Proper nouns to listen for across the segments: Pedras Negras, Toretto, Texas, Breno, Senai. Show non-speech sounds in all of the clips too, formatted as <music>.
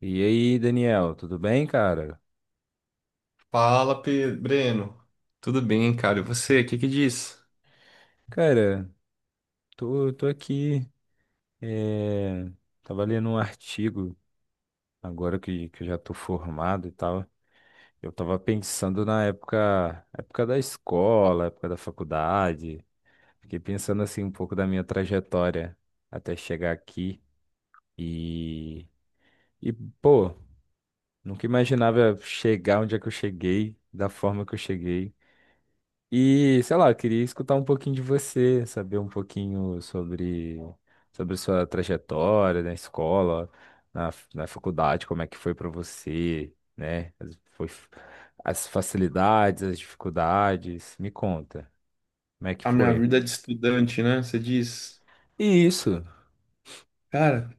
E aí, Daniel, tudo bem, cara? Fala, Breno. Tudo bem, cara? E você, o que que diz? Cara, tô aqui. eh, Tava lendo um artigo agora que eu já tô formado e tal. Eu tava pensando na época, época da escola, época da faculdade. Fiquei pensando assim um pouco da minha trajetória até chegar aqui. E, e pô, Nunca imaginava chegar onde é que eu cheguei, da forma que eu cheguei. E, sei lá, eu queria escutar um pouquinho de você, saber um pouquinho sobre sua trajetória na escola, na faculdade, como é que foi para você, né? As facilidades, as dificuldades. Me conta, como é que A minha foi? vida de estudante, né? Você diz. E isso, Cara,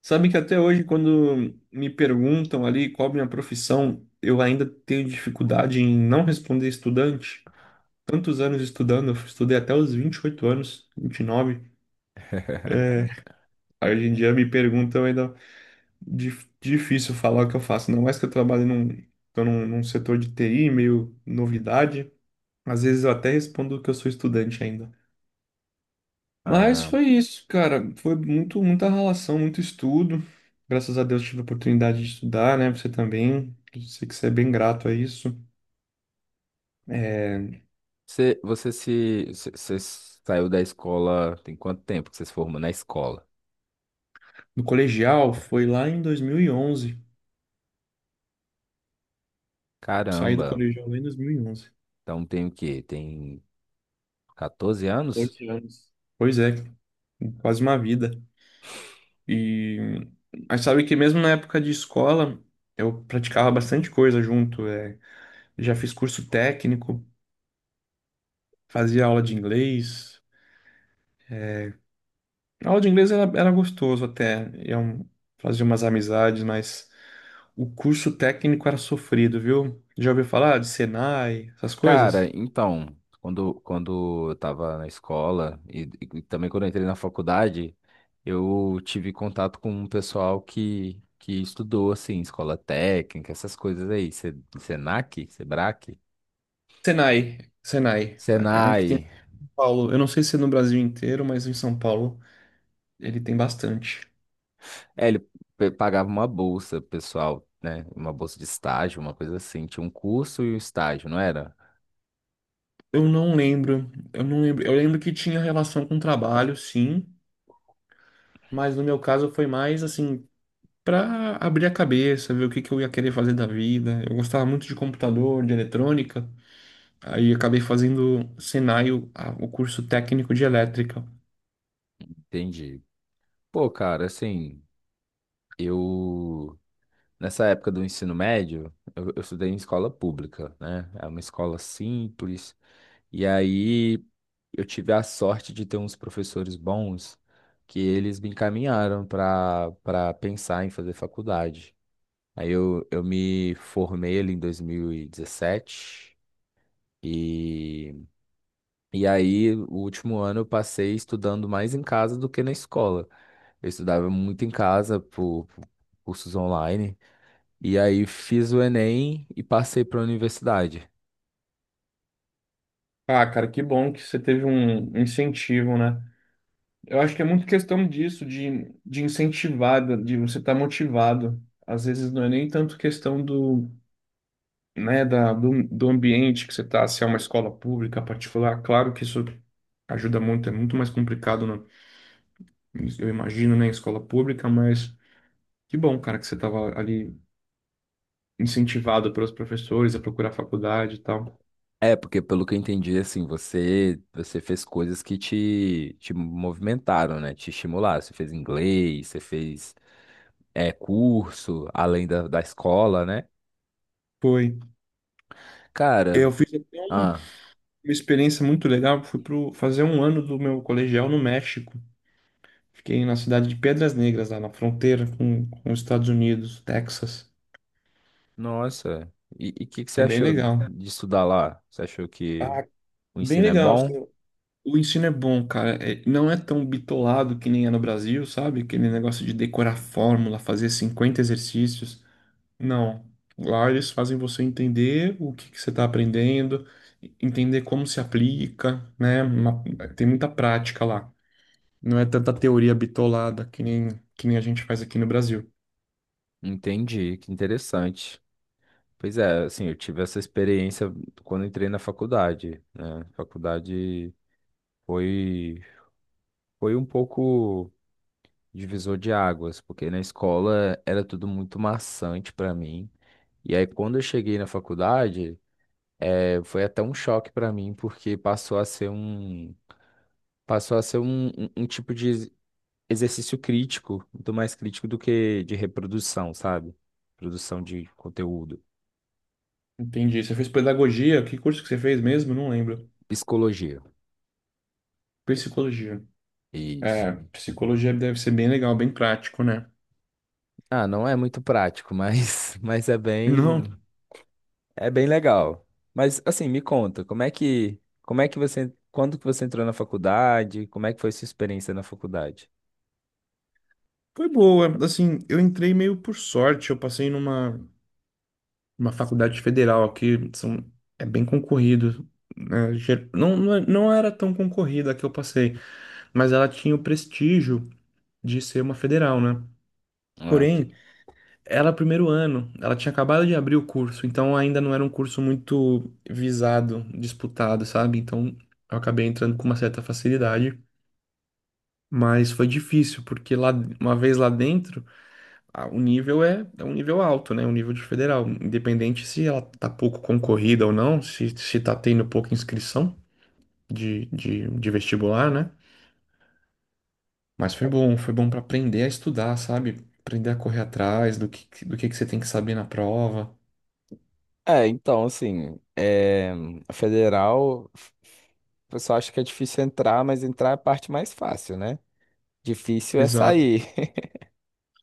sabe que até hoje, quando me perguntam ali qual a minha profissão, eu ainda tenho dificuldade em não responder estudante. Tantos anos estudando, eu estudei até os 28 anos, 29. É, Aí hoje em dia me perguntam ainda difícil falar o que eu faço. Não, mais que eu trabalho num, num setor de TI, meio novidade. Às vezes eu até respondo que eu sou estudante ainda. Mas ah, foi isso, cara. Foi muito, muita relação, muito estudo. Graças a Deus tive a oportunidade de estudar, né? Você também. Eu sei que você é bem grato a isso. É, você, você se, você você saiu da escola, tem quanto tempo que você se formou na escola? no colegial foi lá em 2011. Saí do Caramba, colegial lá em 2011. então tem o quê? Tem 14 anos? 14 anos. Pois é, quase uma vida. E mas sabe que mesmo na época de escola eu praticava bastante coisa junto. É, já fiz curso técnico, fazia aula de inglês. A aula de inglês era, era gostoso até, eu fazia umas amizades, mas o curso técnico era sofrido, viu? Já ouviu falar de Senai, essas Cara, coisas? então, quando eu tava na escola e também quando eu entrei na faculdade, eu tive contato com um pessoal que estudou, assim, escola técnica, essas coisas aí, Senac, Sebrac, Senai, Senai, é um que tem em Senai. São Paulo. Eu não sei se é no Brasil inteiro, mas em São Paulo ele tem bastante. É, ele pagava uma bolsa pro pessoal, né? Uma bolsa de estágio, uma coisa assim. Tinha um curso e um estágio, não era? Eu não lembro. Eu lembro que tinha relação com trabalho, sim, mas no meu caso foi mais assim para abrir a cabeça, ver o que que eu ia querer fazer da vida. Eu gostava muito de computador, de eletrônica. Aí acabei fazendo Senai, o curso técnico de elétrica. Entendi. Pô, cara, assim, eu. Nessa época do ensino médio, eu estudei em escola pública, né? É uma escola simples. E aí eu tive a sorte de ter uns professores bons que eles me encaminharam para pensar em fazer faculdade. Aí eu me formei ali em 2017 e, dezessete. E aí o último ano eu passei estudando mais em casa do que na escola. Eu estudava muito em casa por cursos online. E aí fiz o Enem e passei para a universidade. Ah, cara, que bom que você teve um incentivo, né? Eu acho que é muito questão disso, de incentivar, de você estar motivado. Às vezes não é nem tanto questão do, né, do ambiente que você está, se é uma escola pública, particular. Claro que isso ajuda muito, é muito mais complicado, né? Eu imagino, né, em escola pública, mas que bom, cara, que você estava ali incentivado pelos professores a procurar faculdade e tal. É, porque pelo que eu entendi, assim, você fez coisas que te movimentaram, né? Te estimularam. Você fez inglês, você fez curso, além da escola, né? Foi. Cara, Eu fiz até ah, uma experiência muito legal. Fui pro, fazer um ano do meu colegial no México. Fiquei na cidade de Pedras Negras, lá na fronteira com os Estados Unidos, Texas. nossa. E o que, que você Foi bem achou legal. de estudar lá? Você achou que Ah, o bem ensino é legal, assim. bom? O ensino é bom, cara. Não é tão bitolado que nem é no Brasil, sabe? Aquele negócio de decorar fórmula, fazer 50 exercícios. Não. Lá eles fazem você entender o que que você está aprendendo, entender como se aplica, né? Tem muita prática lá. Não é tanta teoria bitolada que nem a gente faz aqui no Brasil. Entendi, que interessante. Pois é, assim, eu tive essa experiência quando entrei na faculdade, né? Faculdade. Foi, Foi um pouco divisor de águas, porque na escola era tudo muito maçante para mim. E aí, quando eu cheguei na faculdade, foi até um choque para mim, porque passou a ser um, passou a ser um, um, um tipo de exercício crítico, muito mais crítico do que de reprodução, sabe? Produção de conteúdo. Entendi. Você fez pedagogia? Que curso que você fez mesmo? Não lembro. Psicologia. Psicologia. Isso. É, psicologia deve ser bem legal, bem prático, né? Ah, não é muito prático, mas, <laughs> mas é Não, bem. É bem legal. Mas assim, me conta, como é que você, quando que você entrou na faculdade? Como é que foi sua experiência na faculdade? foi boa. Assim, eu entrei meio por sorte. Eu passei uma faculdade federal aqui. São, é bem concorrido, né? Não, não, não era tão concorrida a que eu passei, mas ela tinha o prestígio de ser uma federal, né? É, o que- Porém, ela, primeiro ano, ela tinha acabado de abrir o curso, então ainda não era um curso muito visado, disputado, sabe? Então eu acabei entrando com uma certa facilidade, mas foi difícil, porque lá, uma vez lá dentro, o nível é, é um nível alto, né? Um nível de federal, independente se ela tá pouco concorrida ou não, se tá tendo pouca inscrição de vestibular, né? Mas foi bom para aprender a estudar, sabe? Aprender a correr atrás do que você tem que saber na prova. é, então, assim, é, A federal, o pessoal acha que é difícil entrar, mas entrar é a parte mais fácil, né? Difícil é Exato. sair. <laughs>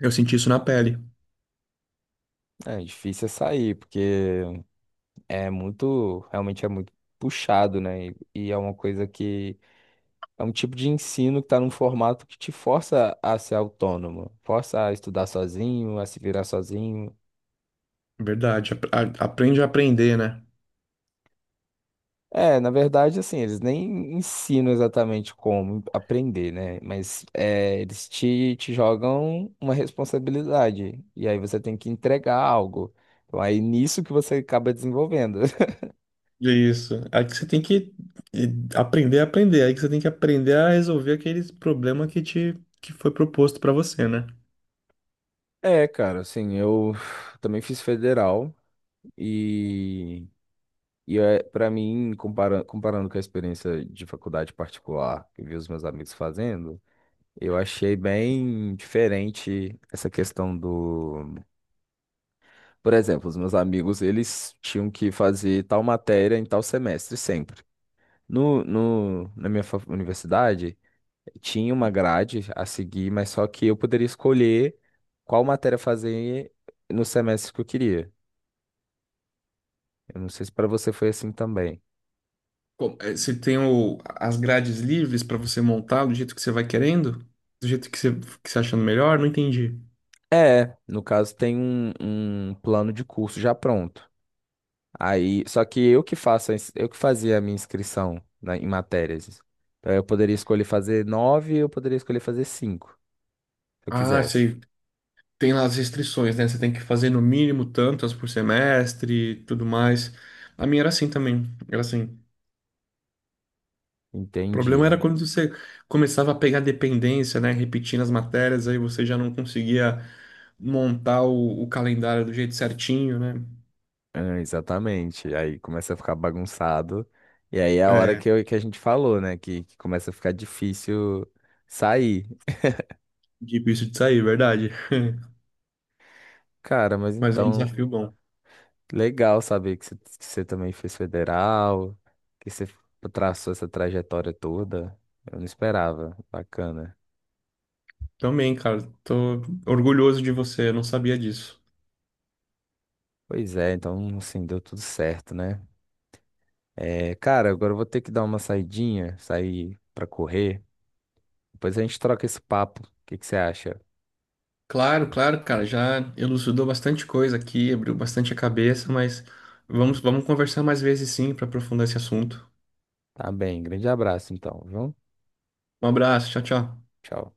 Eu senti isso na pele, É, difícil é sair, porque é muito, realmente é muito puxado, né? E é uma coisa que é um tipo de ensino que está num formato que te força a ser autônomo, força a estudar sozinho, a se virar sozinho. verdade. Aprende a aprender, né? É, na verdade, assim, eles nem ensinam exatamente como aprender, né? Mas é, eles te jogam uma responsabilidade, e aí você tem que entregar algo. Então, aí nisso que você acaba desenvolvendo. <laughs> Isso. Aí que você tem que eh, aprender a aprender. Aí que você tem que aprender a resolver aquele problema que te que foi proposto pra você, né? É, cara, assim, eu também fiz federal e E é, para mim, comparando com a experiência de faculdade particular que eu vi os meus amigos fazendo, eu achei bem diferente essa questão do. Por exemplo, os meus amigos, eles tinham que fazer tal matéria em tal semestre sempre. No, no, Na minha universidade, tinha uma grade a seguir, mas só que eu poderia escolher qual matéria fazer no semestre que eu queria. Eu não sei se para você foi assim também. Você tem as grades livres pra você montar do jeito que você vai querendo? Do jeito que você achando melhor? Não entendi. É, no caso tem um, um plano de curso já pronto. Aí, só que eu que faço, a eu que fazia a minha inscrição em matérias. Então eu poderia escolher fazer nove, eu poderia escolher fazer cinco, se eu Ah, quisesse. você tem lá as restrições, né? Você tem que fazer no mínimo tantas por semestre e tudo mais. A minha era assim também. Era assim. O problema era Entendi. quando você começava a pegar dependência, né? Repetindo as matérias, aí você já não conseguia montar o calendário do jeito certinho, né? Ah, exatamente. Aí começa a ficar bagunçado. E aí é a hora É, que, que a gente falou, né? Que começa a ficar difícil sair. difícil de sair, verdade. Cara, mas Mas é um então. desafio bom. Legal saber que você também fez federal, que você traçou essa trajetória toda. Eu não esperava. Bacana. Também, cara, tô orgulhoso de você, eu não sabia disso. Pois é, então assim, deu tudo certo, né? É, cara, agora eu vou ter que dar uma saidinha, sair pra correr. Depois a gente troca esse papo. O que que você acha? Claro, claro, cara, já elucidou bastante coisa aqui, abriu bastante a cabeça, mas vamos conversar mais vezes sim para aprofundar esse assunto. Tá bem, grande abraço então, viu? Um abraço, tchau, tchau. Tchau.